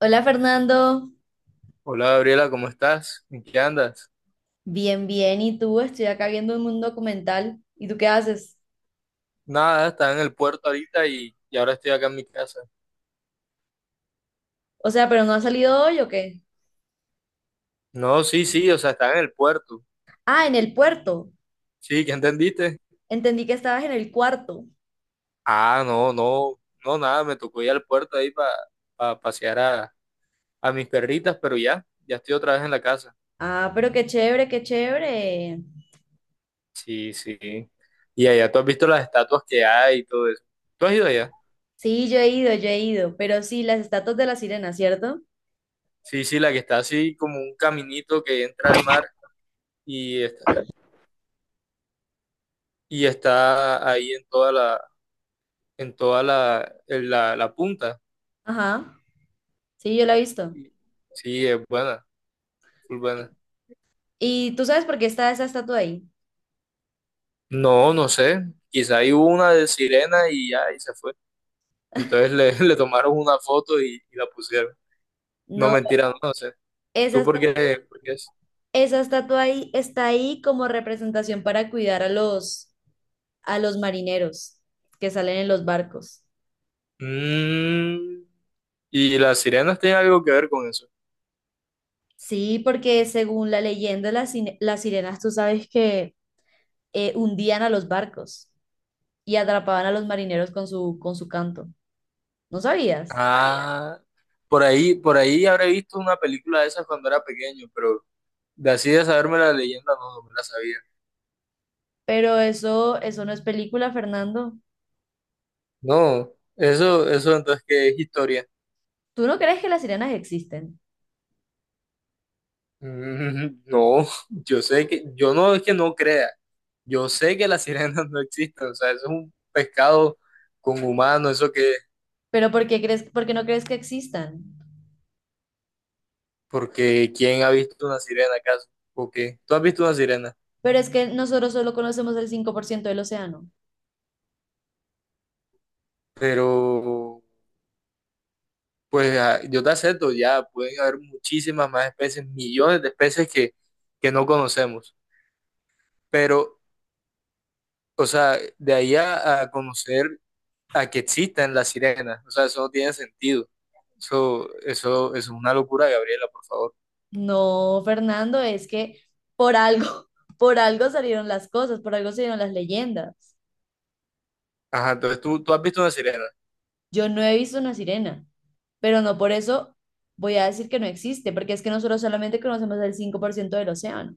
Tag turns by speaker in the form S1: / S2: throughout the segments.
S1: Hola Fernando,
S2: Hola Gabriela, ¿cómo estás? ¿En qué andas?
S1: bien, bien. ¿Y tú? Estoy acá viendo un documental. ¿Y tú qué haces?
S2: Nada, estaba en el puerto ahorita y ahora estoy acá en mi casa.
S1: O sea, ¿pero no has salido hoy o qué?
S2: No, sí, sí, o sea, estaba en el puerto.
S1: Ah, en el puerto.
S2: Sí, ¿qué entendiste?
S1: Entendí que estabas en el cuarto.
S2: Ah, no, no, no, nada, me tocó ir al puerto ahí para pasear a mis perritas, pero ya, ya estoy otra vez en la casa.
S1: Ah, pero qué chévere, qué chévere.
S2: Sí, sí. Y allá tú has visto las estatuas que hay y todo eso. ¿Tú has ido allá?
S1: Sí, yo he ido, yo he ido. Pero sí, las estatuas de la sirena, ¿cierto?
S2: Sí, sí, la que está así como un caminito que entra al mar y está, y está ahí en toda la, en la punta.
S1: Ajá. Sí, yo la he visto.
S2: Sí, es buena, full buena.
S1: ¿Y tú sabes por qué está esa estatua ahí?
S2: No, no sé. Quizá hay una de sirena y ya, y se fue. Entonces le, le tomaron una foto y la pusieron. No,
S1: No,
S2: mentira, no, no sé.
S1: esa
S2: ¿Tú por
S1: estatua,
S2: qué? ¿Por qué es?
S1: esa estatua ahí está ahí como representación para cuidar a los marineros que salen en los barcos.
S2: Mm, ¿Y las sirenas tienen algo que ver con eso?
S1: Sí, porque según la leyenda, las sirenas, tú sabes que hundían a los barcos y atrapaban a los marineros con su canto. ¿No sabías?
S2: Ah, por ahí habré visto una película de esas cuando era pequeño, pero de así de saberme la leyenda no, no me la sabía.
S1: Pero eso no es película, Fernando.
S2: No, eso entonces que es historia.
S1: ¿Tú no crees que las sirenas existen?
S2: No, yo sé que, yo no es que no crea, yo sé que las sirenas no existen, o sea, eso es un pescado con humano, eso que,
S1: ¿Pero por qué crees, por qué no crees que existan?
S2: porque ¿quién ha visto una sirena acaso? ¿O qué? Tú has visto una sirena.
S1: Pero es que nosotros solo conocemos el 5% del océano.
S2: Pero pues yo te acepto, ya pueden haber muchísimas más especies, millones de especies que no conocemos, pero, o sea, de ahí a conocer a que existan las sirenas. O sea, eso no tiene sentido. Eso es una locura, Gabriela, por favor.
S1: No, Fernando, es que por algo, por algo salieron las cosas, por algo salieron las leyendas.
S2: Ajá, entonces tú has visto una sirena.
S1: Yo no he visto una sirena, pero no por eso voy a decir que no existe, porque es que nosotros solamente conocemos el 5% del océano.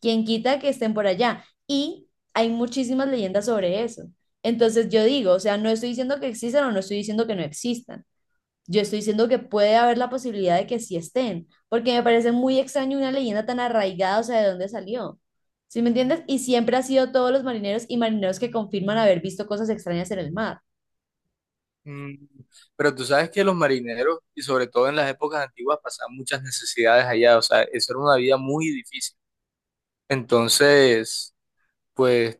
S1: ¿Quién quita que estén por allá? Y hay muchísimas leyendas sobre eso. Entonces yo digo, o sea, no estoy diciendo que existan o no estoy diciendo que no existan. Yo estoy diciendo que puede haber la posibilidad de que sí estén, porque me parece muy extraño una leyenda tan arraigada, o sea, ¿de dónde salió? ¿Sí me entiendes? Y siempre ha sido todos los marineros y marineros que confirman haber visto cosas extrañas en el mar.
S2: Mm, Pero tú sabes que los marineros, y sobre todo en las épocas antiguas, pasaban muchas necesidades allá. O sea, eso era una vida muy difícil. Entonces, pues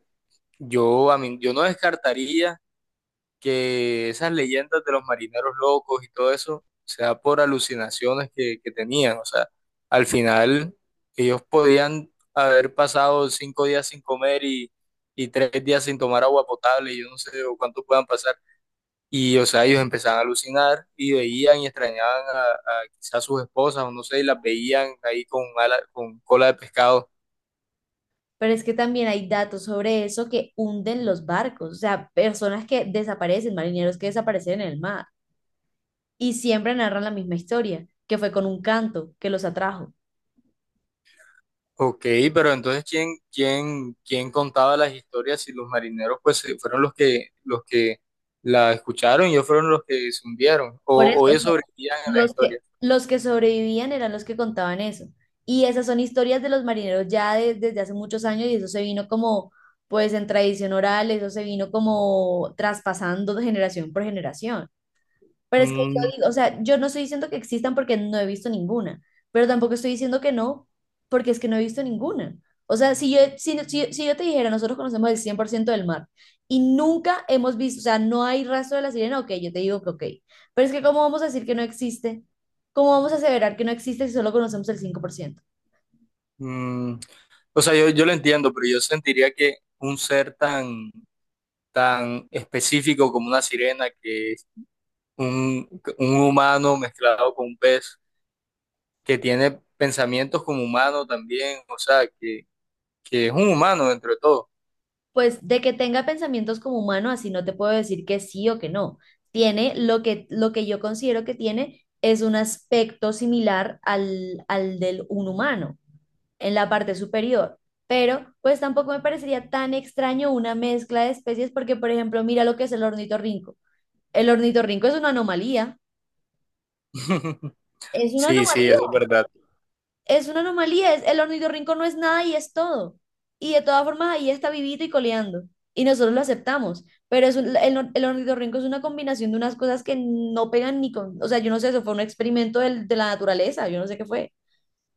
S2: yo, a mí, yo no descartaría que esas leyendas de los marineros locos y todo eso sea por alucinaciones que tenían. O sea, al final ellos podían haber pasado 5 días sin comer y 3 días sin tomar agua potable, y yo no sé o cuánto puedan pasar. Y, o sea, ellos empezaban a alucinar y veían y extrañaban a quizás sus esposas o no sé, y las veían ahí con cola de pescado.
S1: Pero es que también hay datos sobre eso que hunden los barcos, o sea, personas que desaparecen, marineros que desaparecen en el mar, y siempre narran la misma historia, que fue con un canto que los atrajo.
S2: Ok, pero entonces ¿quién contaba las historias si los marineros pues fueron los que la escucharon y ellos fueron los que se hundieron o,
S1: Por eso
S2: o ellos
S1: no,
S2: sobrevivían en la
S1: los
S2: historia?
S1: que, los que sobrevivían eran los que contaban eso. Y esas son historias de los marineros ya desde hace muchos años y eso se vino como, pues en tradición oral, eso se vino como traspasando de generación por generación. Pero es que
S2: Mm,
S1: yo digo, o sea, yo no estoy diciendo que existan porque no he visto ninguna, pero tampoco estoy diciendo que no, porque es que no he visto ninguna. O sea, si yo te dijera, nosotros conocemos el 100% del mar y nunca hemos visto, o sea, no hay rastro de la sirena, ok, yo te digo que ok. Pero es que ¿cómo vamos a decir que no existe? ¿Cómo vamos a aseverar que no existe si solo conocemos el 5%?
S2: mm, o sea, yo lo entiendo, pero yo sentiría que un ser tan, tan específico como una sirena, que es un, un humano mezclado con un pez, que tiene pensamientos como humano también, o sea, que es un humano dentro de todo.
S1: Pues de que tenga pensamientos como humano, así no te puedo decir que sí o que no. Tiene lo que yo considero que tiene es un aspecto similar al del un humano en la parte superior. Pero pues tampoco me parecería tan extraño una mezcla de especies porque, por ejemplo, mira lo que es el ornitorrinco. El ornitorrinco es una anomalía. Es una
S2: Sí, sí, eso es
S1: anomalía.
S2: verdad.
S1: Es una anomalía, el ornitorrinco no es nada y es todo. Y de todas formas ahí está vivito y coleando. Y nosotros lo aceptamos. Pero es un- el, or- el ornitorrinco es una combinación de unas cosas que no pegan ni con. O sea, yo no sé, eso fue un experimento de la naturaleza, yo no sé qué fue.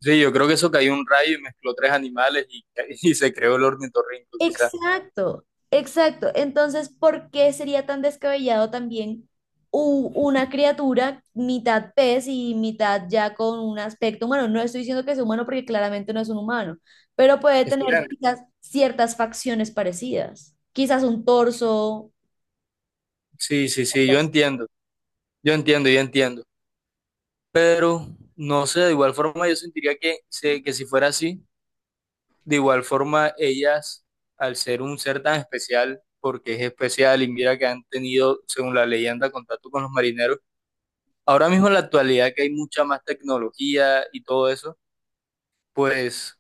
S2: Sí, yo creo que eso cayó un rayo y mezcló tres animales y, y se creó el ornitorrinco, quizá.
S1: Exacto, exacto. Entonces, ¿por qué sería tan descabellado también una criatura mitad pez y mitad ya con un aspecto humano? No estoy diciendo que sea humano porque claramente no es un humano, pero puede tener
S2: Quizás.
S1: quizás ciertas facciones parecidas, quizás un torso.
S2: Sí, sí, sí, yo entiendo, yo entiendo, yo entiendo. Pero, no sé, de igual forma yo sentiría que si fuera así, de igual forma ellas, al ser un ser tan especial, porque es especial y mira que han tenido, según la leyenda, contacto con los marineros, ahora mismo en la actualidad que hay mucha más tecnología y todo eso, pues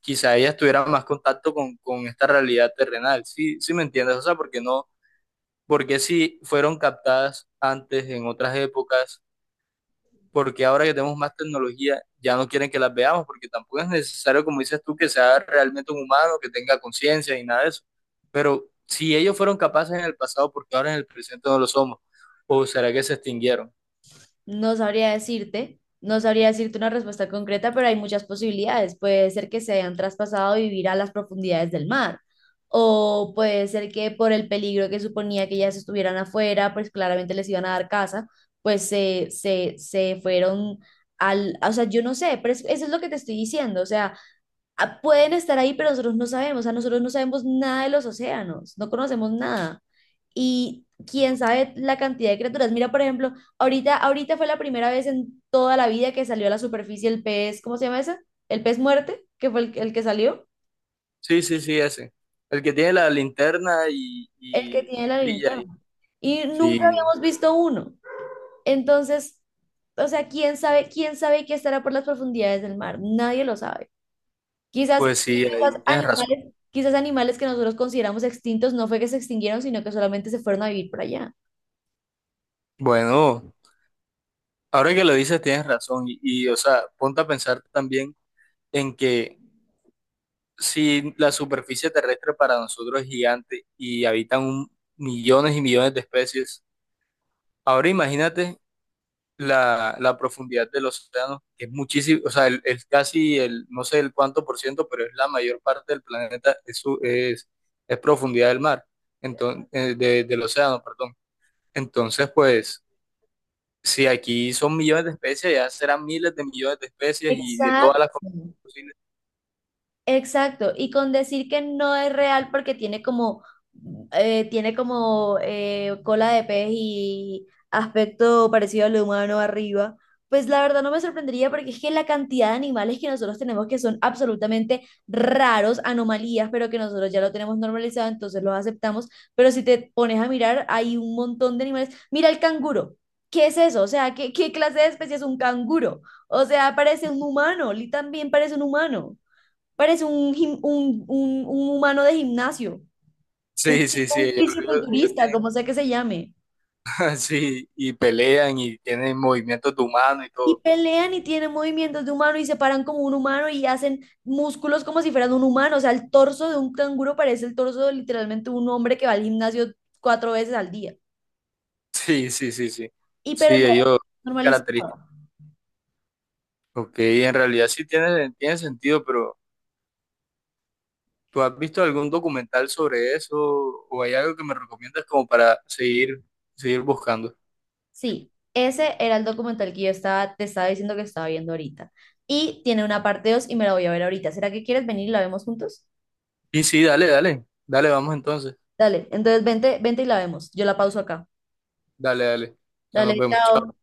S2: quizá ellas tuvieran más contacto con esta realidad terrenal. Sí, sí me entiendes, o sea, porque no, porque si fueron captadas antes en otras épocas, porque ahora que tenemos más tecnología ya no quieren que las veamos, porque tampoco es necesario, como dices tú, que sea realmente un humano, que tenga conciencia y nada de eso. ¿Pero si ellos fueron capaces en el pasado, porque ahora en el presente no lo somos? ¿O será que se extinguieron?
S1: No sabría decirte una respuesta concreta, pero hay muchas posibilidades. Puede ser que se hayan traspasado a vivir a las profundidades del mar, o puede ser que por el peligro que suponía que ellas estuvieran afuera, pues claramente les iban a dar casa, pues se fueron o sea, yo no sé, pero eso es lo que te estoy diciendo, o sea, pueden estar ahí, pero nosotros no sabemos, o sea, nosotros no sabemos nada de los océanos, no conocemos nada. Y quién sabe la cantidad de criaturas. Mira, por ejemplo, ahorita fue la primera vez en toda la vida que salió a la superficie el pez, ¿cómo se llama ese? El pez muerte, que fue el que salió,
S2: Sí, sí, sí, ese. El que tiene la linterna y,
S1: el que
S2: y
S1: tiene la
S2: brilla ahí.
S1: linterna. Y nunca
S2: Sí,
S1: habíamos visto uno. Entonces, o sea, quién sabe qué estará por las profundidades del mar. Nadie lo sabe. Quizás,
S2: pues sí, ahí
S1: quizás
S2: tienes razón.
S1: animales que nosotros consideramos extintos no fue que se extinguieron, sino que solamente se fueron a vivir por allá.
S2: Bueno, ahora que lo dices tienes razón y, o sea, ponte a pensar también en que si la superficie terrestre para nosotros es gigante y habitan millones y millones de especies, ahora imagínate la profundidad del océano, que es muchísimo, o sea, el casi el, no sé el cuánto por ciento, pero es la mayor parte del planeta, es profundidad del mar, entonces, del océano, perdón. Entonces, pues... Sí, aquí son millones de especies, ya serán miles de millones de especies y de todas
S1: Exacto.
S2: las combinaciones posibles.
S1: Exacto, y con decir que no es real porque tiene como cola de pez y aspecto parecido al humano arriba, pues la verdad no me sorprendería porque es que la cantidad de animales que nosotros tenemos que son absolutamente raros, anomalías, pero que nosotros ya lo tenemos normalizado, entonces los aceptamos, pero si te pones a mirar, hay un montón de animales. Mira el canguro, ¿qué es eso? O sea, ¿qué clase de especie es un canguro? O sea, parece un humano, Lee también parece un humano. Parece un humano de gimnasio, un,
S2: Sí, sí, sí,
S1: un
S2: ellos
S1: fisiculturista, como sea que se llame.
S2: tienen- sí, y pelean y tienen movimientos de humano y
S1: Y
S2: todo.
S1: pelean y tienen movimientos de humano y se paran como un humano y hacen músculos como si fueran un humano. O sea, el torso de un canguro parece el torso de literalmente un hombre que va al gimnasio cuatro veces al día.
S2: Sí, sí, sí, sí.
S1: Y pero
S2: Sí,
S1: ya
S2: ellos características.
S1: normalizado.
S2: Ok, en realidad sí tiene sentido, pero ¿tú has visto algún documental sobre eso o hay algo que me recomiendas como para seguir buscando?
S1: Sí, ese era el documental que te estaba diciendo que estaba viendo ahorita. Y tiene una parte 2 y me la voy a ver ahorita. ¿Será que quieres venir y la vemos juntos?
S2: Y sí, dale, dale, dale, vamos entonces.
S1: Dale, entonces vente, vente y la vemos. Yo la pauso acá.
S2: Dale, dale. Ya nos
S1: Dale,
S2: vemos.
S1: chao.